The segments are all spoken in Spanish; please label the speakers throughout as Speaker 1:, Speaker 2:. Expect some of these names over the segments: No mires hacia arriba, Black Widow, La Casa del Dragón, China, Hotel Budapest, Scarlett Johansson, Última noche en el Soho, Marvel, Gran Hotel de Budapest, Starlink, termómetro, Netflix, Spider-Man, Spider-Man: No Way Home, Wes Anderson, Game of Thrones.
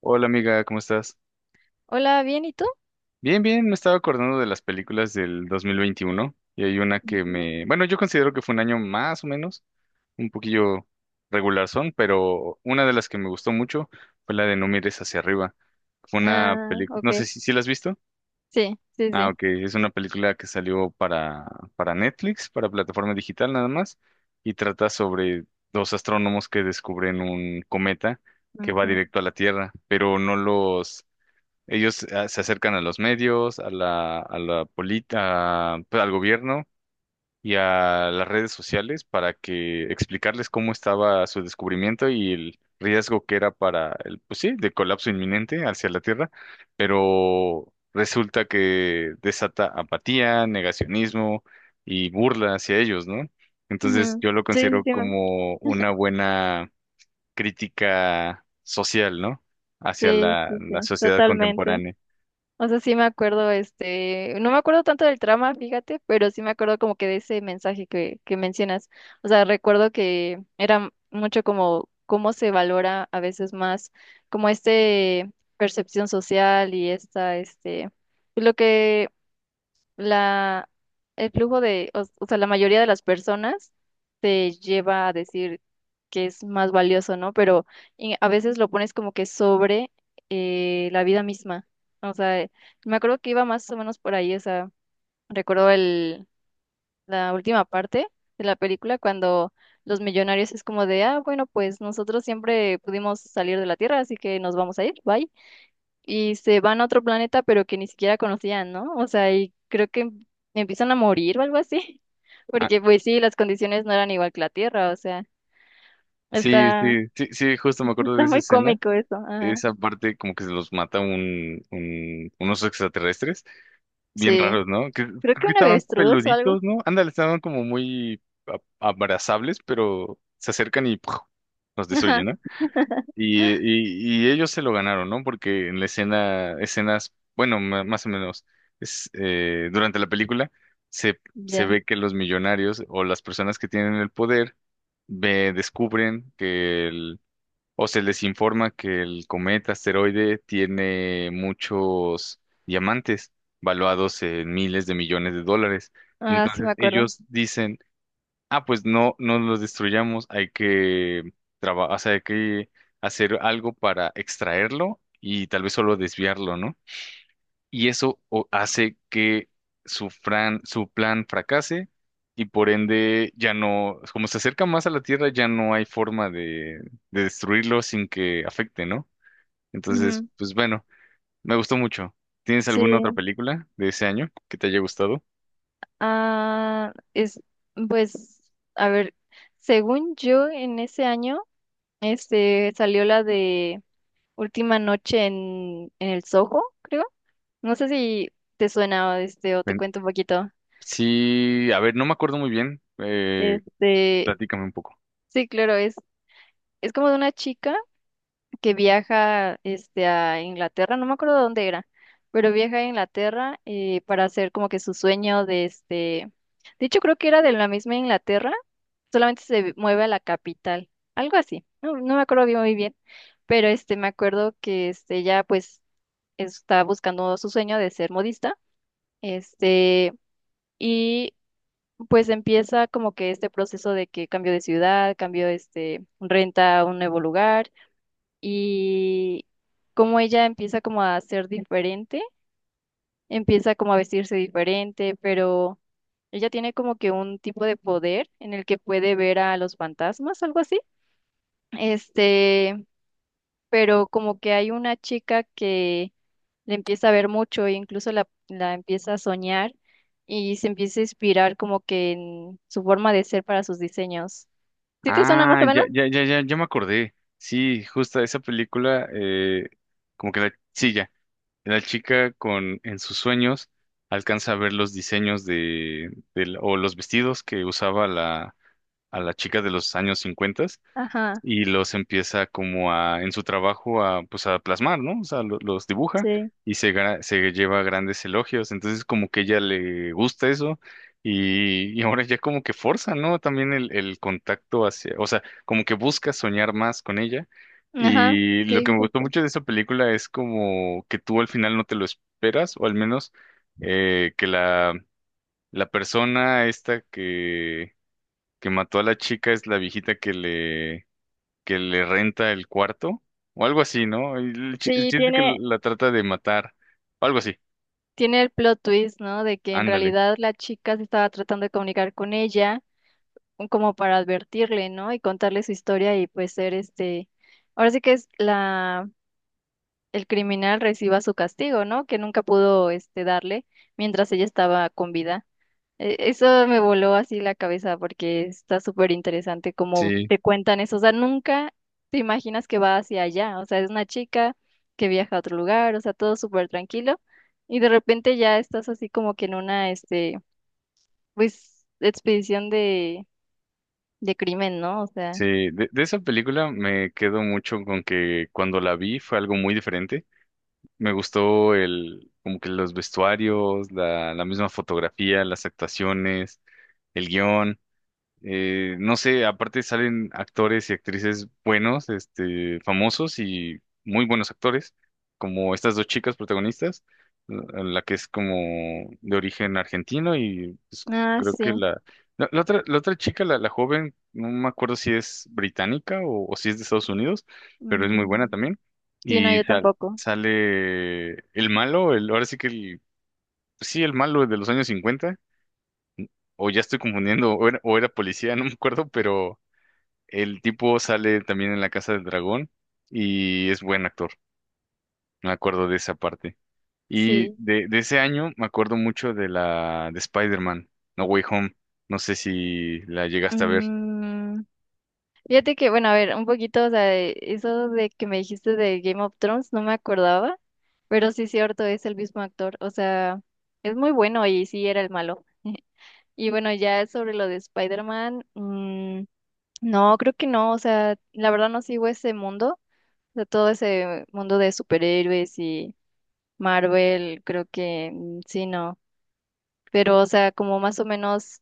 Speaker 1: Hola amiga, ¿cómo estás?
Speaker 2: Hola, ¿bien? ¿Y tú?
Speaker 1: Bien, me estaba acordando de las películas del 2021 y hay una que
Speaker 2: Ujú.
Speaker 1: me, bueno, yo considero que fue un año más o menos, un poquillo regular son, pero una de las que me gustó mucho fue la de No mires hacia arriba. Fue una
Speaker 2: Ah,
Speaker 1: película,
Speaker 2: ok.
Speaker 1: no sé si la has visto.
Speaker 2: Sí, sí,
Speaker 1: Ah,
Speaker 2: sí.
Speaker 1: ok, es una película que salió para Netflix, para plataforma digital nada más, y trata sobre dos astrónomos que descubren un cometa que va
Speaker 2: Ujú,
Speaker 1: directo a la Tierra, pero no los Ellos se acercan a los medios, a la política, al gobierno y a las redes sociales para que explicarles cómo estaba su descubrimiento y el riesgo que era para el, pues sí, de colapso inminente hacia la Tierra, pero resulta que desata apatía, negacionismo y burla hacia ellos, ¿no? Entonces
Speaker 2: ujú.
Speaker 1: yo lo
Speaker 2: Sí, sí,
Speaker 1: considero
Speaker 2: sí,
Speaker 1: como una buena crítica social, ¿no?, hacia
Speaker 2: sí,
Speaker 1: la,
Speaker 2: sí,
Speaker 1: la
Speaker 2: sí,
Speaker 1: sociedad
Speaker 2: totalmente.
Speaker 1: contemporánea.
Speaker 2: O sea, sí me acuerdo, este, no me acuerdo tanto del trama, fíjate, pero sí me acuerdo como que de ese mensaje que mencionas. O sea, recuerdo que era mucho como cómo se valora a veces más como este percepción social y esta, este, lo que la, el flujo de, o sea, la mayoría de las personas te lleva a decir que es más valioso, ¿no? Pero y a veces lo pones como que sobre la vida misma. O sea, me acuerdo que iba más o menos por ahí, o sea, recuerdo el, la última parte de la película cuando los millonarios es como de: ah, bueno, pues nosotros siempre pudimos salir de la Tierra, así que nos vamos a ir, bye, y se van a otro planeta, pero que ni siquiera conocían, ¿no? O sea, y creo que empiezan a morir o algo así,
Speaker 1: Ah,
Speaker 2: porque pues sí, las condiciones no eran igual que la Tierra, o sea,
Speaker 1: sí,
Speaker 2: está,
Speaker 1: sí, sí, sí, justo me acuerdo de
Speaker 2: está
Speaker 1: esa
Speaker 2: muy
Speaker 1: escena.
Speaker 2: cómico eso, ajá,
Speaker 1: Esa parte como que se los mata unos extraterrestres bien
Speaker 2: sí,
Speaker 1: raros, ¿no? Que
Speaker 2: creo
Speaker 1: creo
Speaker 2: que
Speaker 1: que
Speaker 2: un
Speaker 1: estaban
Speaker 2: avestruz o algo,
Speaker 1: peluditos, ¿no? Ándale, estaban como muy a- abrazables, pero se acercan y ¡puf!, los
Speaker 2: ajá,
Speaker 1: destruyen, ¿no? Y ellos se lo ganaron, ¿no? Porque en la escena, escenas, bueno, ma- más o menos, durante la película se, se
Speaker 2: ya,
Speaker 1: ve que los millonarios o las personas que tienen el poder descubren que el o se les informa que el cometa asteroide tiene muchos diamantes valuados en miles de millones de dólares.
Speaker 2: ah, sí me
Speaker 1: Entonces
Speaker 2: acuerdo,
Speaker 1: ellos dicen, ah, pues no los destruyamos, hay que trabajar, hay que hacer algo para extraerlo y tal vez solo desviarlo, ¿no? Y eso hace que su plan fracase y por ende ya no, como se acerca más a la Tierra, ya no hay forma de destruirlo sin que afecte, ¿no? Entonces,
Speaker 2: ujú,
Speaker 1: pues bueno, me gustó mucho. ¿Tienes alguna
Speaker 2: sí,
Speaker 1: otra película de ese año que te haya gustado?
Speaker 2: ah, es, pues, a ver, según yo, en ese año, este, salió la de Última noche en el Soho, creo. No sé si te suena este, o te
Speaker 1: Ven-
Speaker 2: cuento un poquito.
Speaker 1: Sí, a ver, no me acuerdo muy bien.
Speaker 2: Este,
Speaker 1: Platícame un poco.
Speaker 2: sí, claro, es como de una chica que viaja este, a Inglaterra, no me acuerdo dónde era, pero viaja a Inglaterra para hacer como que su sueño de este. De hecho, creo que era de la misma Inglaterra, solamente se mueve a la capital, algo así. No, no me acuerdo bien muy bien, pero este, me acuerdo que este, ella pues está buscando su sueño de ser modista. Este, y pues empieza como que este proceso de que cambio de ciudad, cambio este, renta a un nuevo lugar y como ella empieza como a ser diferente, empieza como a vestirse diferente, pero ella tiene como que un tipo de poder en el que puede ver a los fantasmas, algo así. Este, pero como que hay una chica que le empieza a ver mucho e incluso la empieza a soñar y se empieza a inspirar como que en su forma de ser para sus diseños. ¿Sí te suena más
Speaker 1: Ah,
Speaker 2: o
Speaker 1: ya,
Speaker 2: menos?
Speaker 1: ya, ya, ya, ya me acordé. Sí, justo esa película, como que la... Sí, ya. La chica con en sus sueños alcanza a ver los diseños o los vestidos que usaba a la chica de los años 50
Speaker 2: Ajá,
Speaker 1: y los empieza como a, en su trabajo, a, pues a plasmar, ¿no? O sea, los dibuja
Speaker 2: sí.
Speaker 1: y se lleva grandes elogios. Entonces, como que ella le gusta eso y ahora ya como que forza, ¿no? También el contacto hacia, o sea, como que busca soñar más con ella.
Speaker 2: Ajá,
Speaker 1: Y lo que
Speaker 2: sí,
Speaker 1: me gustó
Speaker 2: justo.
Speaker 1: mucho de esa película es como que tú al final no te lo esperas, o al menos que la persona esta que mató a la chica es la viejita que le renta el cuarto o algo así, ¿no? El
Speaker 2: Sí,
Speaker 1: chiste es que
Speaker 2: tiene,
Speaker 1: la trata de matar o algo así.
Speaker 2: tiene el plot twist, ¿no? De que en
Speaker 1: Ándale.
Speaker 2: realidad la chica se estaba tratando de comunicar con ella como para advertirle, ¿no? Y contarle su historia y pues ser este... Ahora sí que es la el criminal reciba su castigo, ¿no? Que nunca pudo este darle mientras ella estaba con vida. Eso me voló así la cabeza porque está súper interesante cómo
Speaker 1: Sí,
Speaker 2: te cuentan eso. O sea, nunca te imaginas que va hacia allá. O sea, es una chica que viaja a otro lugar, o sea, todo súper tranquilo. Y de repente ya estás así como que en una, este, pues, expedición de crimen, ¿no? O sea,
Speaker 1: sí. De esa película me quedo mucho con que cuando la vi fue algo muy diferente. Me gustó el, como que los vestuarios, la misma fotografía, las actuaciones, el guión. No sé, aparte salen actores y actrices buenos, este, famosos y muy buenos actores, como estas dos chicas protagonistas, la que es como de origen argentino y pues,
Speaker 2: ah,
Speaker 1: creo que
Speaker 2: sí.
Speaker 1: la otra, la, otra chica, la joven, no me acuerdo si es británica o si es de Estados Unidos, pero es muy buena
Speaker 2: Mm.
Speaker 1: también.
Speaker 2: Sí, no,
Speaker 1: Y
Speaker 2: yo tampoco.
Speaker 1: sale el malo, el, ahora sí que el, sí, el malo de los años cincuenta. O ya estoy confundiendo, o era policía, no me acuerdo, pero el tipo sale también en La Casa del Dragón y es buen actor. Me acuerdo de esa parte. Y
Speaker 2: Sí.
Speaker 1: de ese año me acuerdo mucho de la de Spider-Man, No Way Home. No sé si la llegaste a ver.
Speaker 2: Mm. Fíjate que, bueno, a ver, un poquito, o sea, eso de que me dijiste de Game of Thrones, no me acordaba, pero sí es cierto, es el mismo actor, o sea, es muy bueno y sí era el malo. Y bueno, ya sobre lo de Spider-Man, no, creo que no, o sea, la verdad no sigo ese mundo, o sea, todo ese mundo de superhéroes y Marvel, creo que sí, no, pero, o sea, como más o menos...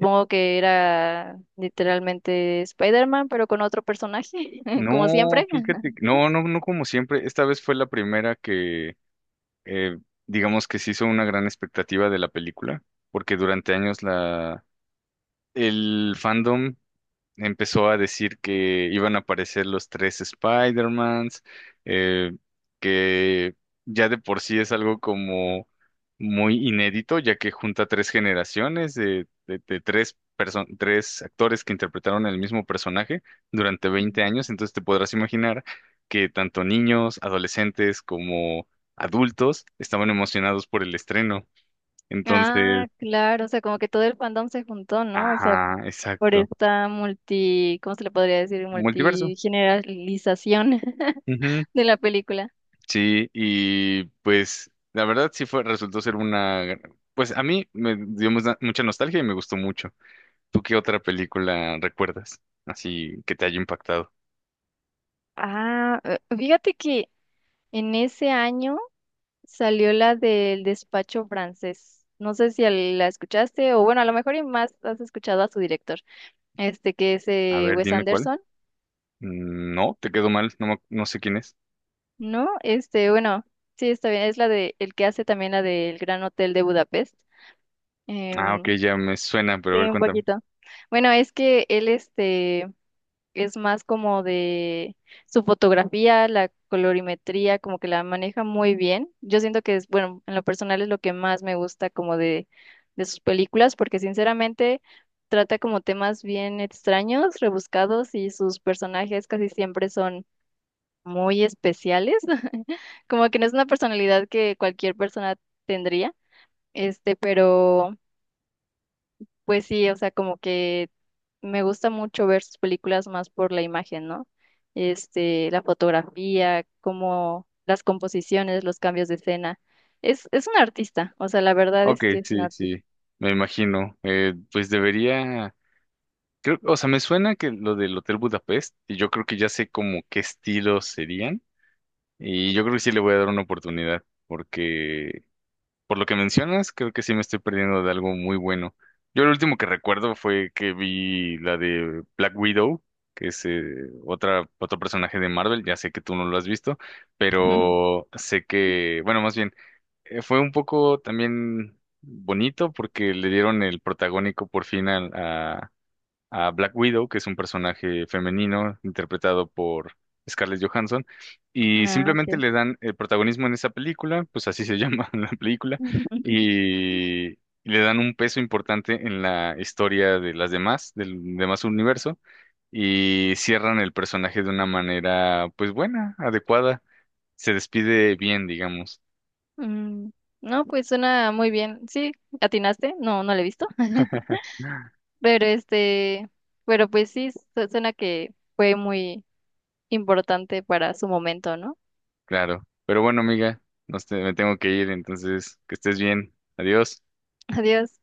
Speaker 1: Eh,
Speaker 2: que era literalmente Spider-Man, pero con otro personaje, como
Speaker 1: No,
Speaker 2: siempre.
Speaker 1: fíjate, no, no, no como siempre. Esta vez fue la primera que, eh, digamos que se hizo una gran expectativa de la película, porque durante años el fandom empezó a decir que iban a aparecer los tres Spider-Mans, eh, que ya de por sí es algo como muy inédito, ya que junta tres generaciones de tres, tres actores que interpretaron el mismo personaje durante 20
Speaker 2: Mm.
Speaker 1: años, entonces te podrás imaginar que tanto niños, adolescentes como adultos estaban emocionados por el estreno. Entonces,
Speaker 2: Ah, claro, o sea, como que todo el fandom se juntó, ¿no? O sea,
Speaker 1: ajá,
Speaker 2: por
Speaker 1: exacto.
Speaker 2: esta multi, ¿cómo se le podría decir?
Speaker 1: Multiverso.
Speaker 2: Multigeneralización de la película.
Speaker 1: Sí, y pues la verdad sí fue, resultó ser una, gran- pues a mí me dio mucha nostalgia y me gustó mucho. ¿Tú qué otra película recuerdas? Así que te haya impactado.
Speaker 2: Ah, fíjate que en ese año salió la del despacho francés. No sé si la escuchaste, o bueno, a lo mejor y más has escuchado a su director, este que es
Speaker 1: A ver,
Speaker 2: Wes
Speaker 1: dime cuál.
Speaker 2: Anderson.
Speaker 1: Mm, no, te quedó mal, no, me no sé quién es.
Speaker 2: No, este, bueno, sí, está bien. Es la de el que hace también la del Gran Hotel de Budapest.
Speaker 1: Ah, ok,
Speaker 2: Em,
Speaker 1: ya me suena, pero a ver,
Speaker 2: sí, un
Speaker 1: cuéntame.
Speaker 2: poquito. Bueno, es que él, este, es más como de su fotografía, la colorimetría, como que la maneja muy bien. Yo siento que es, bueno, en lo personal es lo que más me gusta como de sus películas, porque sinceramente trata como temas bien extraños, rebuscados y sus personajes casi siempre son muy especiales, como que no es una personalidad que cualquier persona tendría, este, pero pues sí, o sea, como que me gusta mucho ver sus películas más por la imagen, ¿no? Este, la fotografía, como las composiciones, los cambios de escena. Es un artista, o sea, la verdad
Speaker 1: Ok,
Speaker 2: es que es un
Speaker 1: sí,
Speaker 2: artista.
Speaker 1: sí, me imagino. Pues debería, creo, o sea, me suena que lo del Hotel Budapest, y yo creo que ya sé como qué estilos serían, y yo creo que sí le voy a dar una oportunidad, porque por lo que mencionas, creo que sí me estoy perdiendo de algo muy bueno. Yo lo último que recuerdo fue que vi la de Black Widow, que es otro personaje de Marvel. Ya sé que tú no lo has visto, pero sé que, bueno, más bien, fue un poco también bonito porque le dieron el protagónico por fin a Black Widow, que es un personaje femenino interpretado por Scarlett Johansson, y
Speaker 2: Ah,
Speaker 1: simplemente
Speaker 2: ok.
Speaker 1: le dan el protagonismo en esa película, pues así se llama la película, y le dan un peso importante en la historia de las demás, del demás universo, y cierran el personaje de una manera, pues buena, adecuada, se despide bien, digamos,
Speaker 2: Mm, no, pues suena muy bien. Sí, ¿atinaste? No, no lo he visto. Pero este, pero pues sí, suena que fue muy importante para su momento, ¿no?
Speaker 1: claro. Pero bueno, amiga, me tengo que ir, entonces, que estés bien, adiós.
Speaker 2: Adiós.